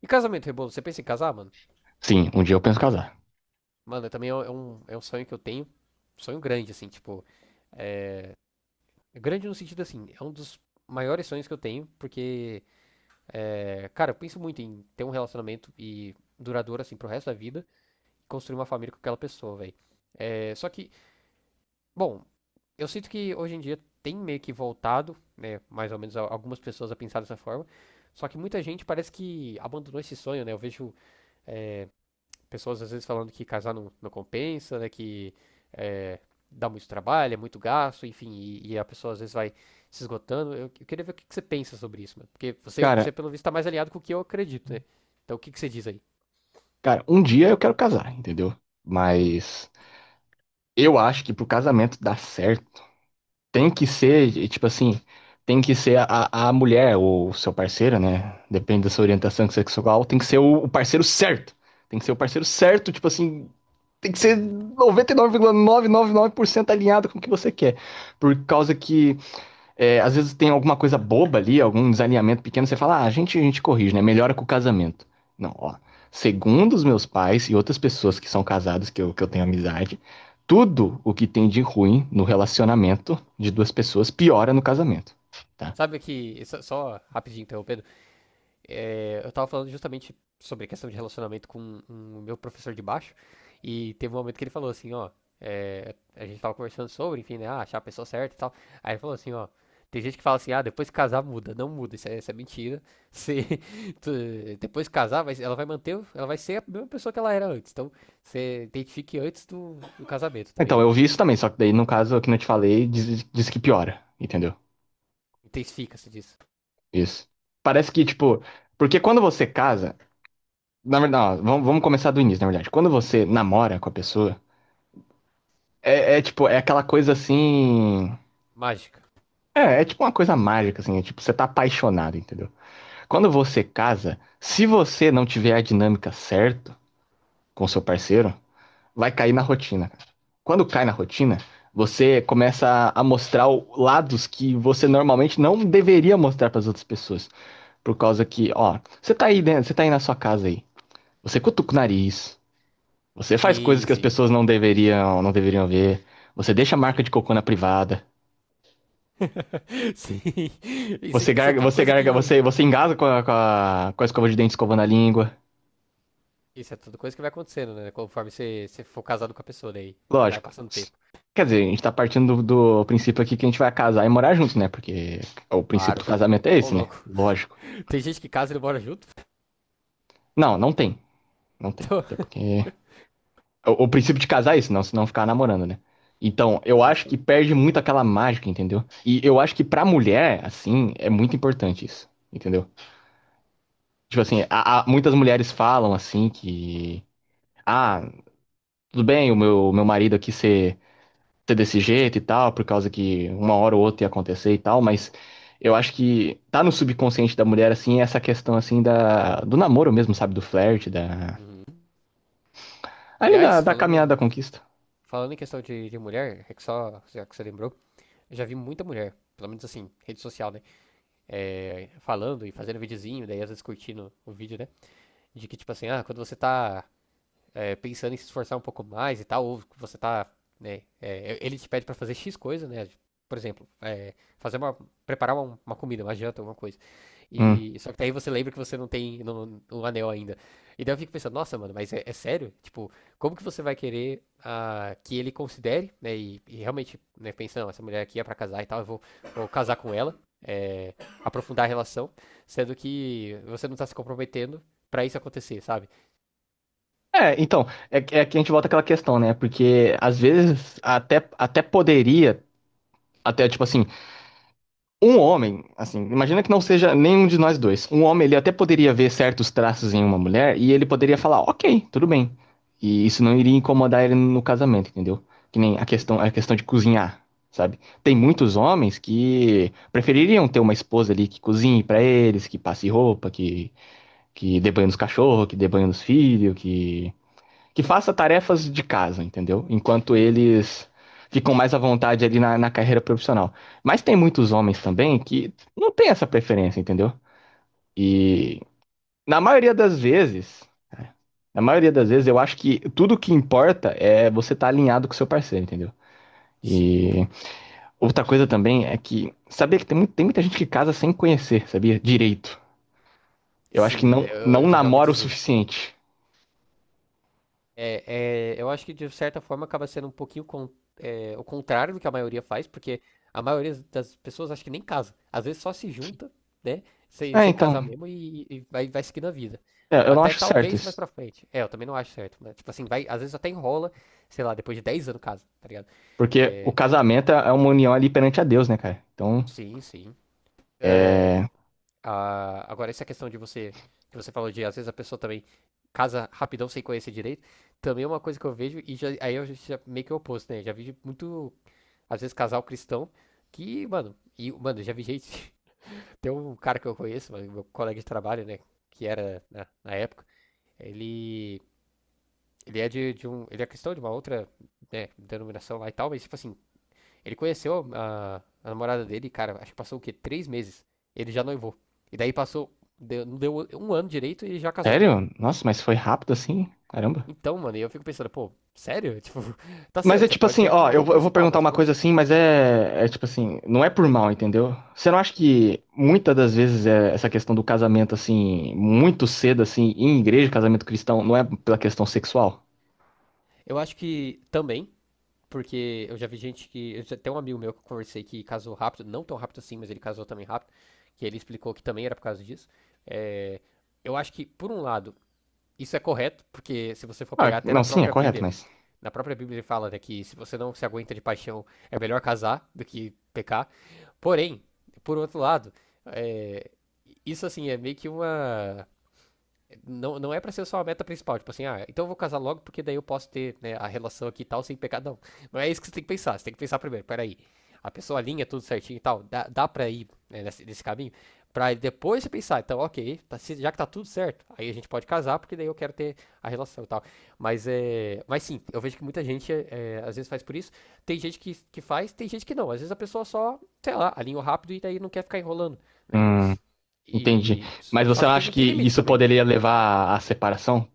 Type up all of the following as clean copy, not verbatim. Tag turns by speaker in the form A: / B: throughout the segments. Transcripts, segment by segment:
A: E casamento, Rebolo, você pensa em casar, mano?
B: Sim, um dia eu penso casar.
A: Mano, também é um sonho que eu tenho. Sonho grande, assim, tipo. Grande no sentido assim, é um dos maiores sonhos que eu tenho, porque, cara, eu penso muito em ter um relacionamento e duradouro, assim, pro resto da vida, construir uma família com aquela pessoa, velho. É, só que, bom, eu sinto que hoje em dia tem meio que voltado, né, mais ou menos algumas pessoas a pensar dessa forma. Só que muita gente parece que abandonou esse sonho, né? Eu vejo pessoas às vezes falando que casar não compensa, né? Que é, dá muito trabalho, é muito gasto, enfim, e a pessoa às vezes vai se esgotando. Eu queria ver o que você pensa sobre isso, mano. Porque você
B: Cara,
A: pelo visto, tá mais alinhado com o que eu acredito, né? Então o que você diz aí?
B: cara, um dia eu quero casar, entendeu?
A: Hum,
B: Mas eu acho que pro casamento dar certo, tem que ser, e, tipo assim, tem que ser a mulher ou o seu parceiro, né? Depende da sua orientação sexual, tem que ser o parceiro certo. Tem que ser o parceiro certo, tipo assim, tem que ser
A: hum.
B: 99,999% alinhado com o que você quer. Por causa que é, às vezes tem alguma coisa boba ali, algum desalinhamento pequeno, você fala, ah, a gente corrige, né? Melhora com o casamento. Não, ó. Segundo os meus pais e outras pessoas que são casadas, que eu tenho amizade, tudo o que tem de ruim no relacionamento de duas pessoas piora no casamento, tá?
A: Sabe que. Só rapidinho interrompendo. Eu tava falando justamente sobre a questão de relacionamento com o meu professor de baixo, e teve um momento que ele falou assim, ó, a gente tava conversando sobre, enfim, né, ah, achar a pessoa certa e tal, aí ele falou assim, ó, tem gente que fala assim, ah, depois que casar muda, não muda, isso é mentira, se, depois que casar, ela vai manter, ela vai ser a mesma pessoa que ela era antes, então você identifique antes do casamento, tá
B: Então,
A: ligado?
B: eu vi isso também, só que daí, no caso que não te falei, diz que piora, entendeu?
A: Intensifica-se disso.
B: Isso. Parece que, tipo, porque quando você casa, na verdade, não, vamos começar do início, na verdade. Quando você namora com a pessoa, é, é tipo, é aquela coisa assim.
A: Mágica.
B: É, é tipo uma coisa mágica, assim, é tipo, você tá apaixonado, entendeu? Quando você casa, se você não tiver a dinâmica certa com seu parceiro, vai cair na rotina, cara. Quando cai na rotina, você começa a mostrar lados que você normalmente não deveria mostrar pras outras pessoas. Por causa que, ó, você tá aí dentro, você tá aí na sua casa aí. Você cutuca o nariz, você faz coisas
A: Sim,
B: que as
A: sim, sim.
B: pessoas não deveriam ver. Você deixa a marca
A: Sim.
B: de cocô na privada.
A: Sim. Isso,
B: Você
A: isso é
B: garga,
A: tudo
B: você
A: coisa
B: garga,
A: que
B: você, você engasa com a, com a, com a escova de dente escovando a língua.
A: Isso é tudo coisa que vai acontecendo, né? Conforme você for casado com a pessoa daí. E vai
B: Lógico.
A: passando tempo.
B: Quer dizer, a gente tá partindo do princípio aqui que a gente vai casar e morar junto, né? Porque o princípio do
A: Claro.
B: casamento é
A: Ô,
B: esse, né?
A: louco.
B: Lógico.
A: Tem gente que casa e não mora junto.
B: Não, não tem. Não tem.
A: Então,
B: Até porque. O princípio de casar é isso, não, senão ficar namorando, né? Então, eu acho
A: isso.
B: que perde muito aquela mágica, entendeu? E eu acho que pra mulher, assim, é muito importante isso, entendeu? Tipo assim, muitas mulheres falam assim que. Ah, tudo bem, o meu marido aqui ser desse jeito e tal, por causa que uma hora ou outra ia acontecer e tal, mas eu acho que tá no subconsciente da mulher, assim, essa questão, assim, da, do namoro mesmo, sabe? Do flerte, da.
A: Uhum.
B: Ali da,
A: Aliás,
B: da caminhada da
A: falando,
B: conquista.
A: falando em questão de mulher, é que só já que você lembrou, eu já vi muita mulher, pelo menos assim, rede social, né? É, falando e fazendo videozinho, daí às vezes curtindo o vídeo, né? De que, tipo assim, ah, quando você tá pensando em se esforçar um pouco mais e tal, ou você tá, né, ele te pede para fazer X coisa, né, por exemplo, preparar uma comida, uma janta, alguma coisa.
B: Hum.
A: E só que daí você lembra que você não tem no, um anel ainda. E daí eu fico pensando, nossa, mano, mas é sério? Tipo, como que você vai querer ah, que ele considere, né? E realmente, né, pensando, essa mulher aqui é pra casar e tal, eu vou casar com ela, aprofundar a relação, sendo que você não tá se comprometendo pra isso acontecer, sabe?
B: É, então, é, é que a gente volta àquela questão, né? Porque às vezes até poderia, até tipo assim, um homem, assim, imagina que não seja nenhum de nós dois. Um homem, ele até poderia ver certos traços em uma mulher e ele poderia falar, ok, tudo bem. E isso não iria incomodar ele no casamento, entendeu? Que nem a questão, a questão de cozinhar, sabe? Tem muitos homens que prefeririam ter uma esposa ali que cozinhe pra eles, que passe roupa, que dê banho nos cachorros, que dê banho nos filhos, que faça tarefas de casa, entendeu? Enquanto
A: Hum,
B: eles ficam mais à vontade ali na carreira profissional. Mas tem muitos homens também que não tem essa preferência, entendeu? E na maioria das vezes, na maioria das vezes, eu acho que tudo que importa é você estar alinhado com o seu parceiro, entendeu?
A: Sim,
B: E outra coisa também é que, sabia que tem, tem muita gente que casa sem conhecer, sabia? Direito. Eu acho que
A: sim, né,
B: não,
A: eu,
B: não
A: eu já ouvi
B: namora o
A: dizer.
B: suficiente.
A: Eu acho que de certa forma acaba sendo um pouquinho o contrário do que a maioria faz, porque a maioria das pessoas acho que nem casa. Às vezes só se junta, né? Sem,
B: É,
A: sem
B: então,
A: casar mesmo e vai seguindo a vida.
B: é, eu não
A: Até
B: acho certo
A: talvez mais
B: isso.
A: pra frente. É, eu também não acho certo, né? Tipo assim, vai, às vezes até enrola, sei lá, depois de 10 anos casa, tá ligado?
B: Porque o
A: É,
B: casamento é uma união ali perante a Deus, né, cara? Então,
A: sim, sim. É,
B: é.
A: ah, agora, essa questão de você, que você falou de, às vezes a pessoa também casa rapidão sem conhecer direito, também é uma coisa que eu vejo, aí eu já meio que é o oposto, né? Já vi muito, às vezes, casal cristão que, mano, e, mano, já vi gente. Tem um cara que eu conheço, mano, meu colega de trabalho, né? Que era na época, ele. Ele é de um. Ele é cristão de uma outra, né, denominação lá e tal, mas tipo assim, ele conheceu a namorada dele, cara, acho que passou o quê? 3 meses. Ele já noivou. E daí passou. Deu, não deu um ano direito e já casou.
B: Sério? Nossa, mas foi rápido assim? Caramba.
A: Então, mano, eu fico pensando, pô, sério? Tipo, tá
B: Mas
A: certo,
B: é
A: você
B: tipo
A: pode ter
B: assim, ó,
A: alinhado
B: eu,
A: o
B: eu vou
A: principal,
B: perguntar
A: mas
B: uma coisa
A: poxa.
B: assim, mas é, é tipo assim, não é por mal, entendeu? Você não acha que muitas das vezes é essa questão do casamento, assim, muito cedo, assim, em igreja, casamento cristão, não é pela questão sexual?
A: Eu acho que também, porque eu já vi gente que. Tem um amigo meu que eu conversei que casou rápido, não tão rápido assim, mas ele casou também rápido, que ele explicou que também era por causa disso. É, eu acho que, por um lado, isso é correto, porque se você for pegar
B: Ah,
A: até
B: não, sim, é correto, mas.
A: Na própria Bíblia ele fala né, que se você não se aguenta de paixão, é melhor casar do que pecar. Porém, por outro lado, é, isso assim é meio que uma não, não é pra ser só a meta principal, tipo assim, ah, então eu vou casar logo porque daí eu posso ter né, a relação aqui e tal sem pecar. Não, não é isso que você tem que pensar, você tem que pensar primeiro, peraí, a pessoa alinha tudo certinho e tal, dá pra ir né, nesse caminho, pra depois você pensar, então, ok, tá, já que tá tudo certo, aí a gente pode casar porque daí eu quero ter a relação e tal. Mas sim, eu vejo que muita gente às vezes faz por isso, tem gente que faz, tem gente que não, às vezes a pessoa só, sei lá, alinha rápido e daí não quer ficar enrolando, né?
B: Hum, entendi.
A: E,
B: Mas
A: só
B: você
A: que
B: não
A: tem,
B: acha que
A: tem limite
B: isso
A: também, né?
B: poderia levar à separação?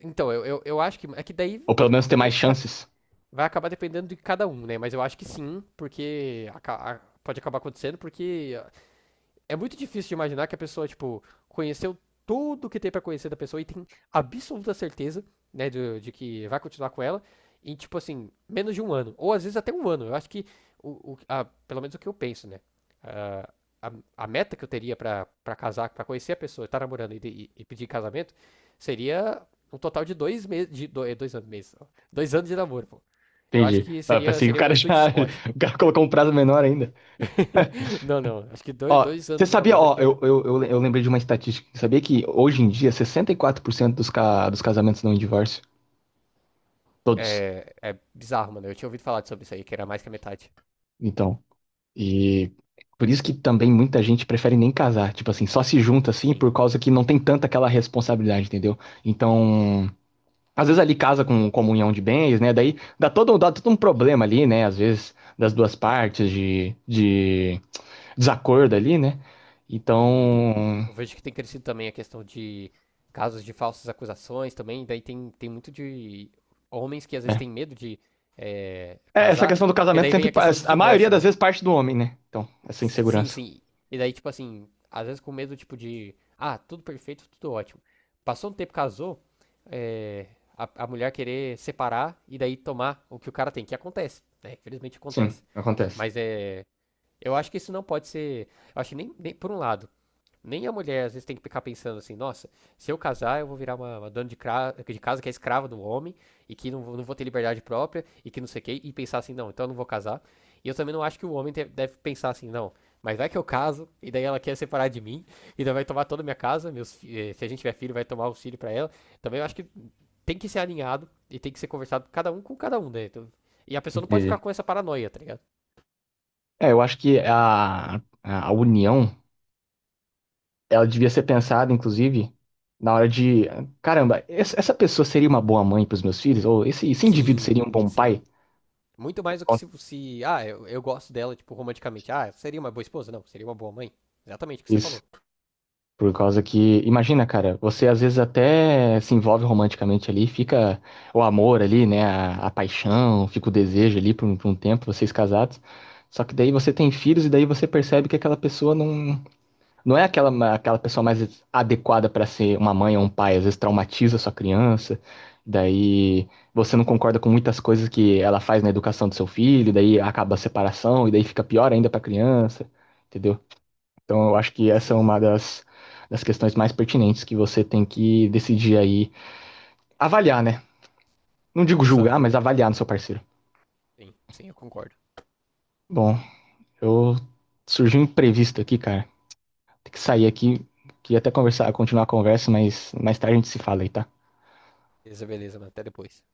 A: Então, eu acho que. É que daí
B: Ou pelo menos ter mais
A: vai, vai,
B: chances?
A: vai acabar dependendo de cada um, né? Mas eu acho que sim, porque pode acabar acontecendo, porque é muito difícil de imaginar que a pessoa, tipo, conheceu tudo que tem pra conhecer da pessoa e tem absoluta certeza, né, de que vai continuar com ela em, tipo assim, menos de um ano. Ou às vezes até um ano. Eu acho que, pelo menos o que eu penso, né? Ah, a meta que eu teria pra casar, pra conhecer a pessoa, estar namorando e pedir casamento, seria um total de 2 meses, 2 anos, meses, ó. 2 anos de namoro, pô. Eu acho
B: Entendi.
A: que
B: Ah,
A: seria,
B: pensei que o
A: seria um
B: cara
A: sweet
B: já.
A: spot.
B: O cara colocou um prazo menor ainda.
A: Não, não. Acho que dois,
B: Ó,
A: dois
B: você
A: anos de
B: sabia,
A: namoro, acho
B: ó,
A: que é.
B: eu lembrei de uma estatística. Sabia que hoje em dia 64% dos, dos casamentos não em divórcio? Todos.
A: É bizarro, mano. Eu tinha ouvido falar sobre isso aí, que era mais que a metade.
B: Então. E por isso que também muita gente prefere nem casar. Tipo assim, só se junta assim
A: Sim,
B: por causa que não tem tanta aquela responsabilidade, entendeu? Então. Às vezes ali casa com comunhão de bens, né? Daí dá todo um problema ali, né? Às vezes das duas partes
A: sim.
B: de desacordo ali, né?
A: E
B: Então,
A: eu vejo que tem crescido também a questão de casos de falsas acusações também. Daí tem muito de homens que às vezes têm
B: é.
A: medo de
B: É, essa
A: casar,
B: questão do
A: porque
B: casamento
A: daí vem
B: sempre,
A: a questão do
B: a maioria
A: divórcio,
B: das
A: né?
B: vezes parte do homem, né? Então, essa
A: Sim,
B: insegurança.
A: sim. E daí, tipo assim, às vezes com medo, tipo, de. Ah, tudo perfeito, tudo ótimo. Passou um tempo, casou, é, a mulher querer separar e daí tomar o que o cara tem, que acontece, né? Infelizmente
B: Sim,
A: acontece.
B: acontece.
A: Mas é. Eu acho que isso não pode ser. Eu acho que nem, nem por um lado. Nem a mulher às vezes tem que ficar pensando assim, nossa, se eu casar eu vou virar uma dona de casa que é escrava do homem e que não, não vou ter liberdade própria e que não sei o quê, e pensar assim, não, então eu não vou casar. E eu também não acho que o homem deve pensar assim, não, mas vai que eu caso e daí ela quer separar de mim e daí vai tomar toda a minha casa, se a gente tiver filho vai tomar auxílio pra ela. Também eu acho que tem que ser alinhado e tem que ser conversado cada um com cada um, né? Então, e a pessoa não pode ficar
B: Entendi.
A: com essa paranoia, tá ligado?
B: É, eu acho que a união, ela devia ser pensada, inclusive, na hora de, caramba, essa pessoa seria uma boa mãe para os meus filhos? Ou esse indivíduo
A: Sim,
B: seria um bom
A: sim.
B: pai?
A: Muito mais do que se ah, eu gosto dela, tipo, romanticamente. Ah, seria uma boa esposa? Não, seria uma boa mãe. Exatamente o que você
B: Isso.
A: falou.
B: Por causa que, imagina, cara, você às vezes até se envolve romanticamente ali, fica o amor ali, né, a paixão, fica o desejo ali por um tempo, vocês casados. Só que daí você tem filhos e daí você percebe que aquela pessoa não, não é aquela, aquela pessoa mais adequada para ser uma mãe ou um pai, às vezes traumatiza a sua criança. Daí você não concorda com muitas coisas que ela faz na educação do seu filho, daí acaba a separação e daí fica pior ainda para a criança, entendeu? Então, eu acho que essa é
A: Sim,
B: uma das, das questões mais pertinentes que você tem que decidir aí. Avaliar, né? Não digo
A: pra sua
B: julgar,
A: vida.
B: mas avaliar no seu parceiro.
A: Sim, sim, eu concordo.
B: Bom, eu surgiu um imprevisto aqui, cara. Tem que sair aqui. Queria até conversar, continuar a conversa, mas mais tarde a gente se fala aí, tá?
A: Beleza, beleza, mas até depois.